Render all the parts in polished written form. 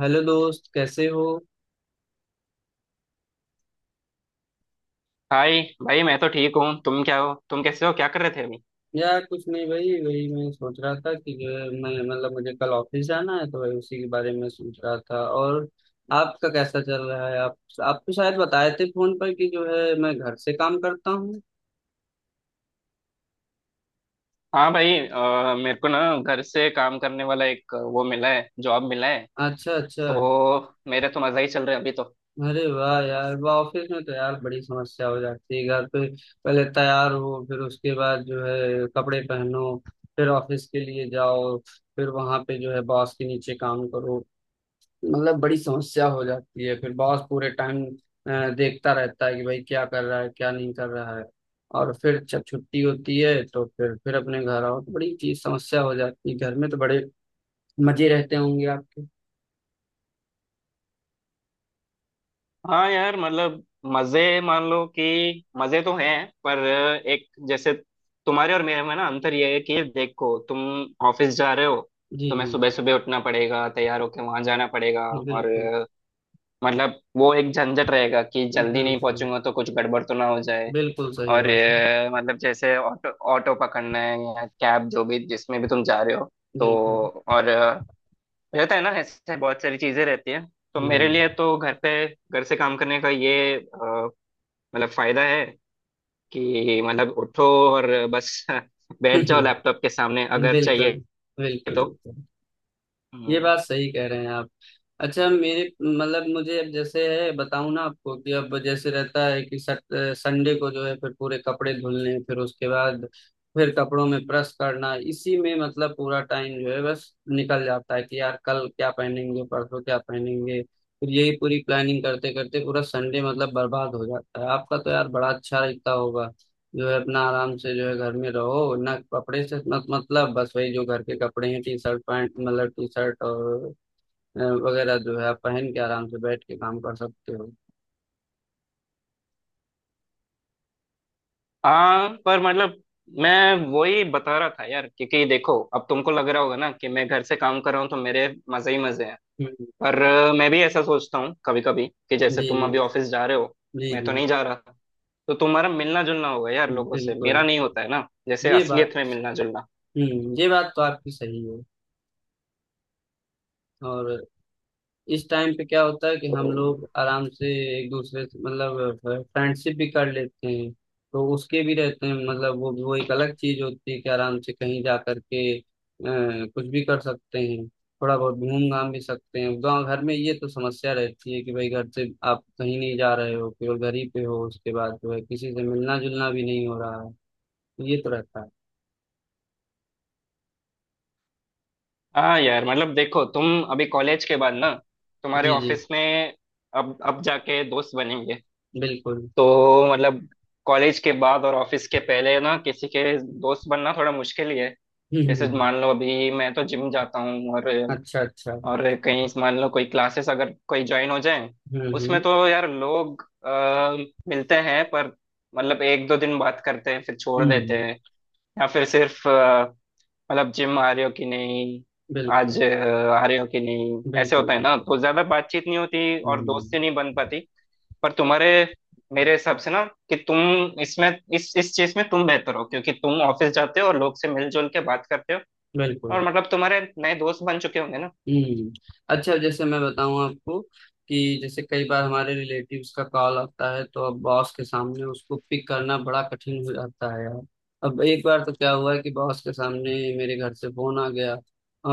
Hello दोस्त, कैसे हो? हाय भाई। मैं तो ठीक हूँ। तुम क्या हो? तुम कैसे हो? क्या कर रहे थे अभी? यार, कुछ नहीं भाई। वही मैं सोच रहा था कि जो है, मैं मतलब मुझे कल ऑफिस जाना है, तो वही उसी के बारे में सोच रहा था। और आपका कैसा चल रहा है? आप तो शायद बताए थे फोन पर कि जो है, मैं घर से काम करता हूँ। हाँ भाई, मेरे को ना घर से काम करने वाला एक वो मिला है, जॉब मिला है। अच्छा, अच्छा। तो मेरे तो मजा ही चल रहे हैं अभी तो। अरे वाह यार, वाह! ऑफिस में तो यार बड़ी समस्या हो जाती है। घर पे पहले तैयार हो, फिर उसके बाद जो है कपड़े पहनो, फिर ऑफिस के लिए जाओ, फिर वहां पे जो है बॉस के नीचे काम करो। मतलब बड़ी समस्या हो जाती है। फिर बॉस पूरे टाइम देखता रहता है कि भाई क्या कर रहा है, क्या नहीं कर रहा है। और फिर जब छुट्टी होती है तो फिर अपने घर आओ तो बड़ी चीज समस्या हो जाती है। घर में तो बड़े मजे रहते होंगे आपके। हाँ यार, मतलब मजे मान लो कि मजे तो हैं, पर एक जैसे तुम्हारे और मेरे में ना अंतर ये है कि देखो, तुम ऑफिस जा रहे हो। तुम्हें जी। सुबह सुबह उठना पड़ेगा, तैयार होके वहां जाना पड़ेगा, जी और बिल्कुल। मतलब वो एक झंझट रहेगा कि जल्दी नहीं बिल्कुल, पहुंचूंगा तो कुछ गड़बड़ तो ना हो जाए। बिल्कुल सही और बात है। मतलब जैसे ऑटो ऑटो पकड़ना है या कैब, जो भी जिसमें भी तुम जा रहे हो तो। बिल्कुल। और रहता है ना, ऐसे बहुत सारी चीजें रहती है। तो मेरे हम्म। लिए तो घर पे, घर से काम करने का ये मतलब फायदा है कि मतलब उठो और बस बैठ जाओ बिल्कुल, लैपटॉप के सामने अगर चाहिए बिल्कुल। तो। बिल्कुल ये हम्म। बात सही कह रहे हैं आप। अच्छा, मेरे मतलब मुझे अब जैसे है बताऊं ना आपको कि अब जैसे रहता है कि सट संडे को जो है फिर पूरे कपड़े धुलने, फिर उसके बाद फिर कपड़ों में प्रेस करना, इसी में मतलब पूरा टाइम जो है बस निकल जाता है कि यार कल क्या पहनेंगे, परसों क्या पहनेंगे, फिर यही पूरी प्लानिंग करते करते पूरा संडे मतलब बर्बाद हो जाता है। आपका तो यार बड़ा अच्छा रहता होगा, जो है अपना आराम से जो है घर में रहो ना। कपड़े से मत मतलब बस वही जो घर के कपड़े हैं, टी शर्ट पैंट, मतलब टी शर्ट और अ, वगैरह जो है आप पहन के आराम से बैठ के काम कर सकते हो। हाँ, पर मतलब मैं वही बता रहा था यार, क्योंकि देखो, अब तुमको लग रहा होगा ना कि मैं घर से काम कर रहा हूँ तो मेरे मजे ही मजे हैं। हम्म। पर मैं भी ऐसा सोचता हूँ कभी कभी कि जैसे तुम अभी जी। ऑफिस जा रहे हो, जी मैं तो जी। नहीं जा रहा। तो तुम्हारा मिलना जुलना होगा यार जी लोगों से, बिल्कुल। मेरा नहीं होता है ना, जैसे ये बात। असलियत में मिलना जुलना। हम्म, ये बात तो आपकी सही है। और इस टाइम पे क्या होता है कि तो हम लोग आराम से एक दूसरे से मतलब फ्रेंडशिप भी कर लेते हैं। तो उसके भी रहते हैं, मतलब वो एक अलग चीज होती है कि आराम से कहीं जा करके कुछ भी कर सकते हैं। थोड़ा बहुत घूम घाम भी सकते हैं। गाँव घर में ये तो समस्या रहती है कि भाई घर से आप कहीं नहीं जा रहे हो, केवल घर ही पे हो, उसके बाद जो है किसी से मिलना जुलना भी नहीं हो रहा है। ये तो रहता है। हाँ यार, मतलब देखो, तुम अभी कॉलेज के बाद ना, तुम्हारे जी जी। ऑफिस में अब जाके दोस्त बनेंगे। बिल्कुल। तो मतलब कॉलेज के बाद और ऑफिस के पहले ना किसी के दोस्त बनना थोड़ा मुश्किल ही है। हम्म, जैसे मान लो अभी मैं तो जिम जाता हूँ, और अच्छा, अच्छा। कहीं मान लो कोई क्लासेस अगर कोई ज्वाइन हो जाए, हम्म, उसमें हम्म। तो यार लोग मिलते हैं, पर मतलब एक दो दिन बात करते हैं फिर छोड़ देते हम्म। हैं। या फिर सिर्फ मतलब जिम आ रहे हो कि नहीं, बिल्कुल, आज आ रहे हो कि नहीं, ऐसे बिल्कुल। होता है बिल्कुल। ना, तो ज्यादा बातचीत नहीं होती और हम्म। दोस्ती नहीं बन पाती। पर तुम्हारे, मेरे हिसाब से ना, कि तुम इसमें इस चीज में तुम बेहतर हो क्योंकि तुम ऑफिस जाते हो और लोग से मिलजुल के बात करते हो, बिल्कुल। और मतलब तुम्हारे नए दोस्त बन चुके होंगे ना। हम्म। अच्छा, जैसे मैं बताऊं आपको कि जैसे कई बार हमारे रिलेटिव्स का कॉल आता है, तो अब बॉस के सामने उसको पिक करना बड़ा कठिन हो जाता है यार। अब एक बार तो क्या हुआ कि बॉस के सामने मेरे घर से फोन आ गया।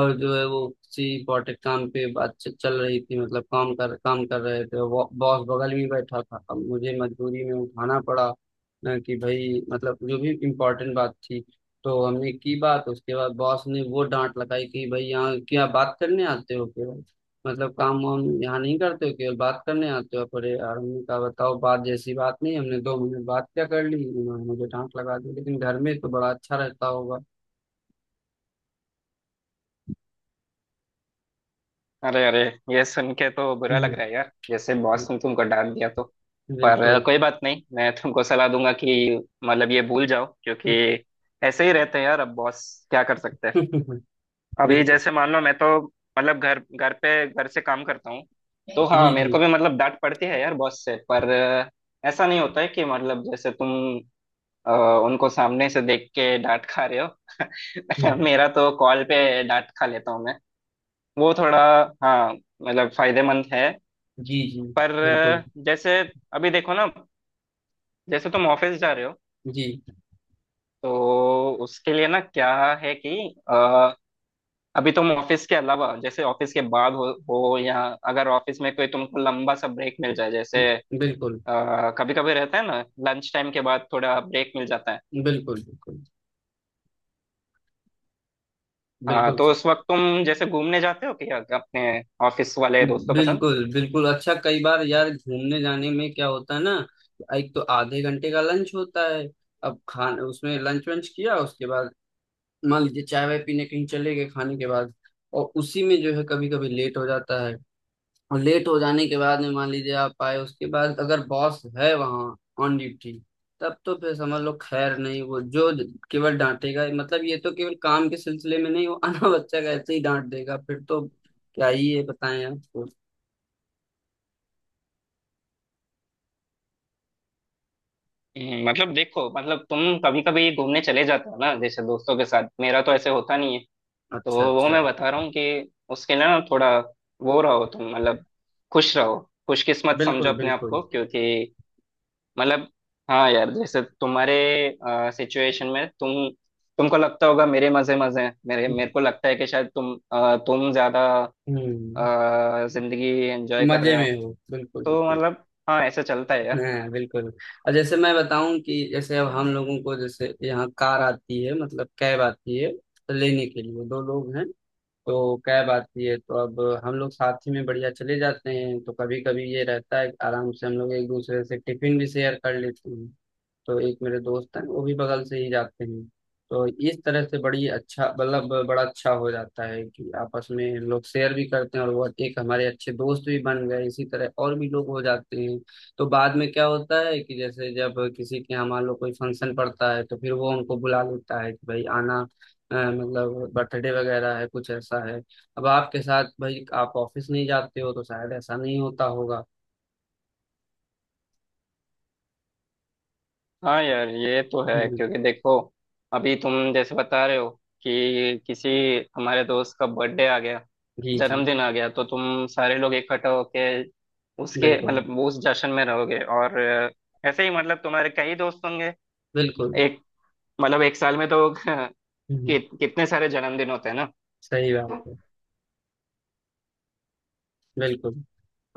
और जो है, वो किसी इम्पोर्टेंट काम पे बातचीत चल रही थी, मतलब काम कर रहे थे। बॉस बगल में बैठा था। अब मुझे मजबूरी में उठाना पड़ा, कि भाई मतलब जो भी इम्पोर्टेंट बात थी तो हमने की बात। उसके बाद बॉस ने वो डांट लगाई कि भाई यहाँ क्या बात करने आते हो केवल, मतलब काम वाम यहाँ नहीं करते हो, केवल बात करने आते हो। पर यार हमने कहा बताओ, बात जैसी बात नहीं, हमने 2 मिनट बात क्या कर ली, उन्होंने मुझे डांट लगा दी। लेकिन घर में तो बड़ा अच्छा रहता होगा। अरे अरे, ये सुन के तो बुरा हम्म, लग रहा है यार, जैसे हम्म। बॉस ने तुमको डांट दिया तो। पर बिल्कुल। कोई बात नहीं, मैं तुमको सलाह दूंगा कि मतलब ये भूल जाओ, क्योंकि ऐसे ही रहते हैं यार अब बॉस, क्या कर सकते हैं। अभी बिल्कुल। जैसे मान लो, मैं तो मतलब घर, घर पे, घर से काम करता हूँ, तो हाँ जी मेरे जी। को भी मतलब डांट पड़ती है यार बॉस से, पर ऐसा नहीं होता है कि मतलब जैसे तुम अ, उनको सामने से देख के डांट खा रहे हो। हम्म, मेरा तो कॉल पे डांट खा लेता हूँ मैं, वो थोड़ा, हाँ मतलब फायदेमंद है। जी जी। पर बिल्कुल। जैसे अभी देखो ना, जैसे तुम ऑफिस जा रहे हो, जी। तो उसके लिए ना क्या है कि अ, अभी तुम ऑफिस के अलावा, जैसे ऑफिस के बाद हो या अगर ऑफिस में कोई तुमको लंबा सा ब्रेक मिल जाए, जैसे बिल्कुल, कभी कभी रहता है ना, लंच टाइम के बाद थोड़ा ब्रेक मिल जाता है। बिल्कुल, बिल्कुल, हाँ, बिल्कुल, तो उस वक्त तुम जैसे घूमने जाते हो क्या अपने ऑफिस वाले दोस्तों के साथ? बिल्कुल, बिल्कुल। अच्छा, कई बार यार घूमने जाने में क्या होता है ना, एक तो आधे घंटे का लंच होता है। अब खान उसमें लंच वंच किया, उसके बाद मान लीजिए चाय वाय पीने कहीं चले गए खाने के बाद। और उसी में जो है कभी कभी लेट हो जाता है। और लेट हो जाने के बाद में मान लीजिए आप आए, उसके बाद अगर बॉस है वहाँ ऑन ड्यूटी, तब तो फिर समझ लो खैर नहीं। वो जो केवल डांटेगा, मतलब ये तो केवल काम के सिलसिले में नहीं, वो अनाबच्चा का ऐसे ही डांट देगा फिर तो। क्या ही है बताएं आपको। मतलब देखो, मतलब तुम कभी कभी घूमने चले जाते हो ना जैसे दोस्तों के साथ, मेरा तो ऐसे होता नहीं है, तो अच्छा, वो अच्छा। मैं बता रहा हूँ कि उसके लिए ना थोड़ा वो रहो तुम, मतलब खुश रहो, खुशकिस्मत समझो बिल्कुल, अपने आप बिल्कुल। को क्योंकि मतलब हाँ यार, जैसे तुम्हारे सिचुएशन में तुमको लगता होगा मेरे मजे मजे हैं। मेरे मेरे को लगता है कि शायद तुम ज्यादा हम्म। जिंदगी एंजॉय कर मजे रहे हो। में हो, बिल्कुल, तो बिल्कुल। मतलब हाँ ऐसे चलता है यार। हाँ बिल्कुल। और जैसे मैं बताऊं कि जैसे अब हम लोगों को, जैसे यहाँ कार आती है मतलब कैब आती है, तो लेने के लिए दो लोग हैं। तो कैब आती है तो अब हम लोग साथ ही में बढ़िया चले जाते हैं। तो कभी कभी ये रहता है कि आराम से हम लोग एक दूसरे से टिफिन भी शेयर कर लेते हैं। तो एक मेरे दोस्त हैं, वो भी बगल से ही जाते हैं। तो इस तरह से बड़ी अच्छा मतलब बड़ा अच्छा हो जाता है कि आपस में लोग शेयर भी करते हैं, और वो एक हमारे अच्छे दोस्त भी बन गए। इसी तरह और भी लोग हो जाते हैं। तो बाद में क्या होता है कि जैसे जब किसी के यहाँ मान लो कोई फंक्शन पड़ता है, तो फिर वो उनको बुला लेता है कि भाई आना, मतलब बर्थडे वगैरह है, कुछ ऐसा है। अब आपके साथ भाई आप ऑफिस नहीं जाते हो तो शायद ऐसा नहीं होता होगा। हाँ यार, ये तो है हम्म। क्योंकि देखो, अभी तुम जैसे बता रहे हो कि किसी हमारे दोस्त का बर्थडे आ गया, जी जी। जन्मदिन आ गया, तो तुम सारे लोग इकट्ठा होके उसके बिल्कुल। मतलब वो उस जश्न में रहोगे, और ऐसे ही मतलब तुम्हारे कई दोस्त होंगे। बिल्कुल। एक, मतलब एक साल में तो हम्म, कितने सारे जन्मदिन होते हैं ना? सही बात है। बिल्कुल।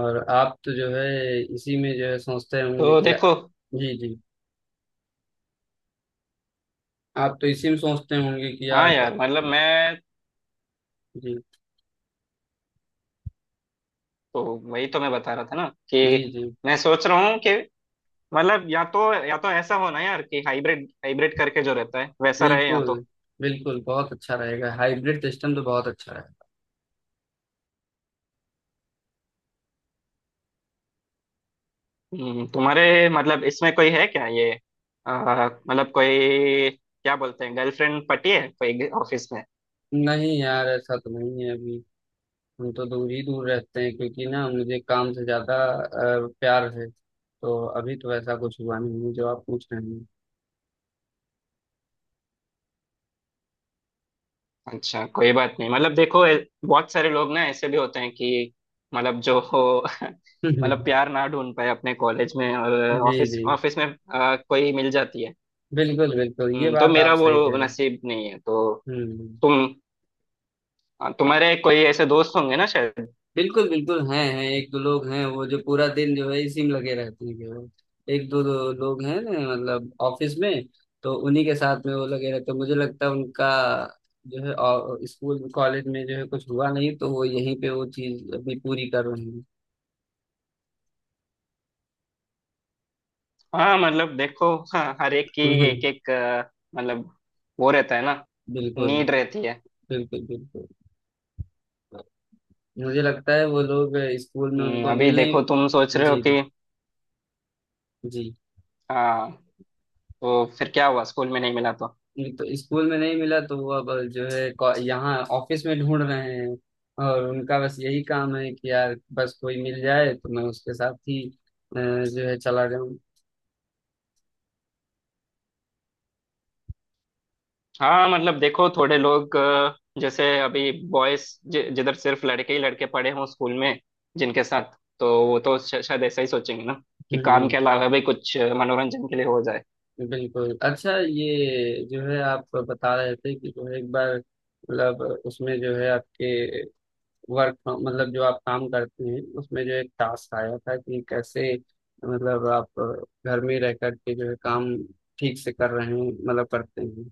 और आप तो जो है इसी में जो है सोचते होंगे तो कि यार। देखो, जी जी। आप तो इसी में सोचते होंगे कि हाँ यार। यार मतलब मैं जी। तो, वही तो मैं बता रहा था ना जी कि जी। मैं सोच रहा हूँ कि मतलब या तो, ऐसा होना यार कि हाइब्रिड हाइब्रिड करके जो रहता है वैसा रहे, या बिल्कुल, तो। बिल्कुल। बहुत अच्छा रहेगा हाइब्रिड सिस्टम तो, बहुत अच्छा रहेगा। तुम्हारे मतलब इसमें कोई है क्या, ये मतलब कोई, क्या बोलते हैं, गर्लफ्रेंड पटी है कोई ऑफिस में? नहीं यार, ऐसा तो नहीं है अभी। हम तो दूर ही दूर रहते हैं, क्योंकि ना मुझे काम से ज्यादा प्यार है। तो अभी तो ऐसा कुछ हुआ नहीं है जो आप पूछ रहे हैं। अच्छा कोई बात नहीं, मतलब देखो, बहुत सारे लोग ना ऐसे भी होते हैं कि मतलब, जो हो। मतलब प्यार ना ढूंढ पाए अपने कॉलेज में, और जी ऑफिस जी। ऑफिस में कोई मिल जाती है। बिल्कुल, बिल्कुल ये तो बात मेरा आप सही वो कह रहे हैं। नसीब नहीं है, तो हम्म। तुम तुम्हारे कोई ऐसे दोस्त होंगे ना शायद। बिल्कुल, बिल्कुल, हैं, एक दो लोग हैं वो जो पूरा दिन जो है इसी में लगे रहते हैं केवल। एक दो, दो लोग हैं मतलब ऑफिस में। तो उन्हीं के साथ में वो लगे रहते हैं। मुझे लगता है उनका जो है, और स्कूल कॉलेज में जो है कुछ हुआ नहीं तो वो यहीं पे वो चीज अभी पूरी कर रहे हैं। हाँ मतलब देखो, हाँ, हर एक की, एक एक मतलब वो रहता है ना, बिल्कुल, नीड रहती है। बिल्कुल, बिल्कुल। मुझे लगता है वो लोग स्कूल में उनको अभी मिल देखो नहीं। तुम सोच रहे हो जी कि जी। हाँ, तो फिर क्या हुआ, स्कूल में नहीं मिला तो। तो स्कूल में नहीं मिला तो वो अब जो है यहाँ ऑफिस में ढूंढ रहे हैं। और उनका बस यही काम है कि यार बस कोई मिल जाए तो मैं उसके साथ ही जो है चला जाऊं। हाँ मतलब देखो, थोड़े लोग जैसे अभी बॉयज जिधर सिर्फ लड़के ही लड़के पढ़े हों स्कूल में, जिनके साथ, तो वो तो शायद ऐसा ही सोचेंगे ना कि काम हम्म, के अलावा भी कुछ मनोरंजन के लिए हो जाए। बिल्कुल। अच्छा, ये जो है आप बता रहे थे कि जो है एक बार, मतलब उसमें जो है आपके वर्क, मतलब जो आप काम करते हैं, उसमें जो एक टास्क आया था कि कैसे मतलब आप घर में रह करके जो है काम ठीक से कर रहे हैं, मतलब करते हैं।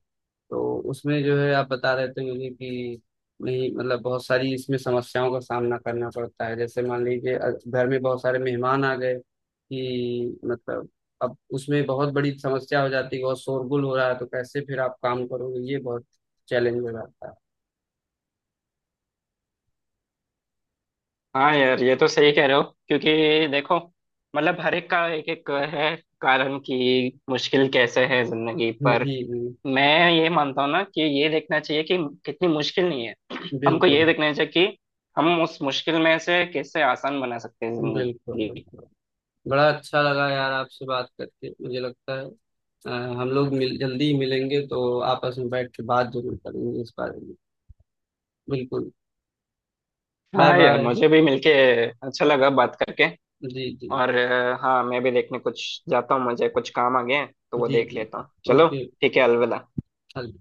तो उसमें जो है आप बता रहे थे मुझे कि नहीं मतलब बहुत सारी इसमें समस्याओं का सामना करना पड़ता है। जैसे मान लीजिए, घर में बहुत सारे मेहमान आ गए, कि मतलब अब उसमें बहुत बड़ी समस्या हो जाती है, बहुत शोरगुल हो रहा है, तो कैसे फिर आप काम करोगे, ये बहुत चैलेंज हो जाता है। हाँ यार ये तो सही कह रहे हो क्योंकि देखो, मतलब हर एक का एक एक है कारण कि मुश्किल कैसे है जिंदगी पर। जी जी। मैं ये मानता हूँ ना कि ये देखना चाहिए कि कितनी मुश्किल नहीं है, हमको ये बिल्कुल, देखना चाहिए कि हम उस मुश्किल में से कैसे आसान बना सकते हैं बिल्कुल, जिंदगी। बिल्कुल। बड़ा अच्छा लगा यार आपसे बात करके। मुझे लगता है अ, हम लोग मिल जल्दी ही मिलेंगे तो आपस में बैठ के बात जरूर करेंगे इस बारे में। बिल्कुल। बाय हाँ यार, बाय। मुझे भी मिलके अच्छा लगा बात करके। जी जी। और हाँ, मैं भी देखने कुछ जाता हूँ, मुझे कुछ काम आ गए हैं, तो वो जी देख जी। लेता हूँ, चलो। ओके। ठीक है, अलविदा। चल।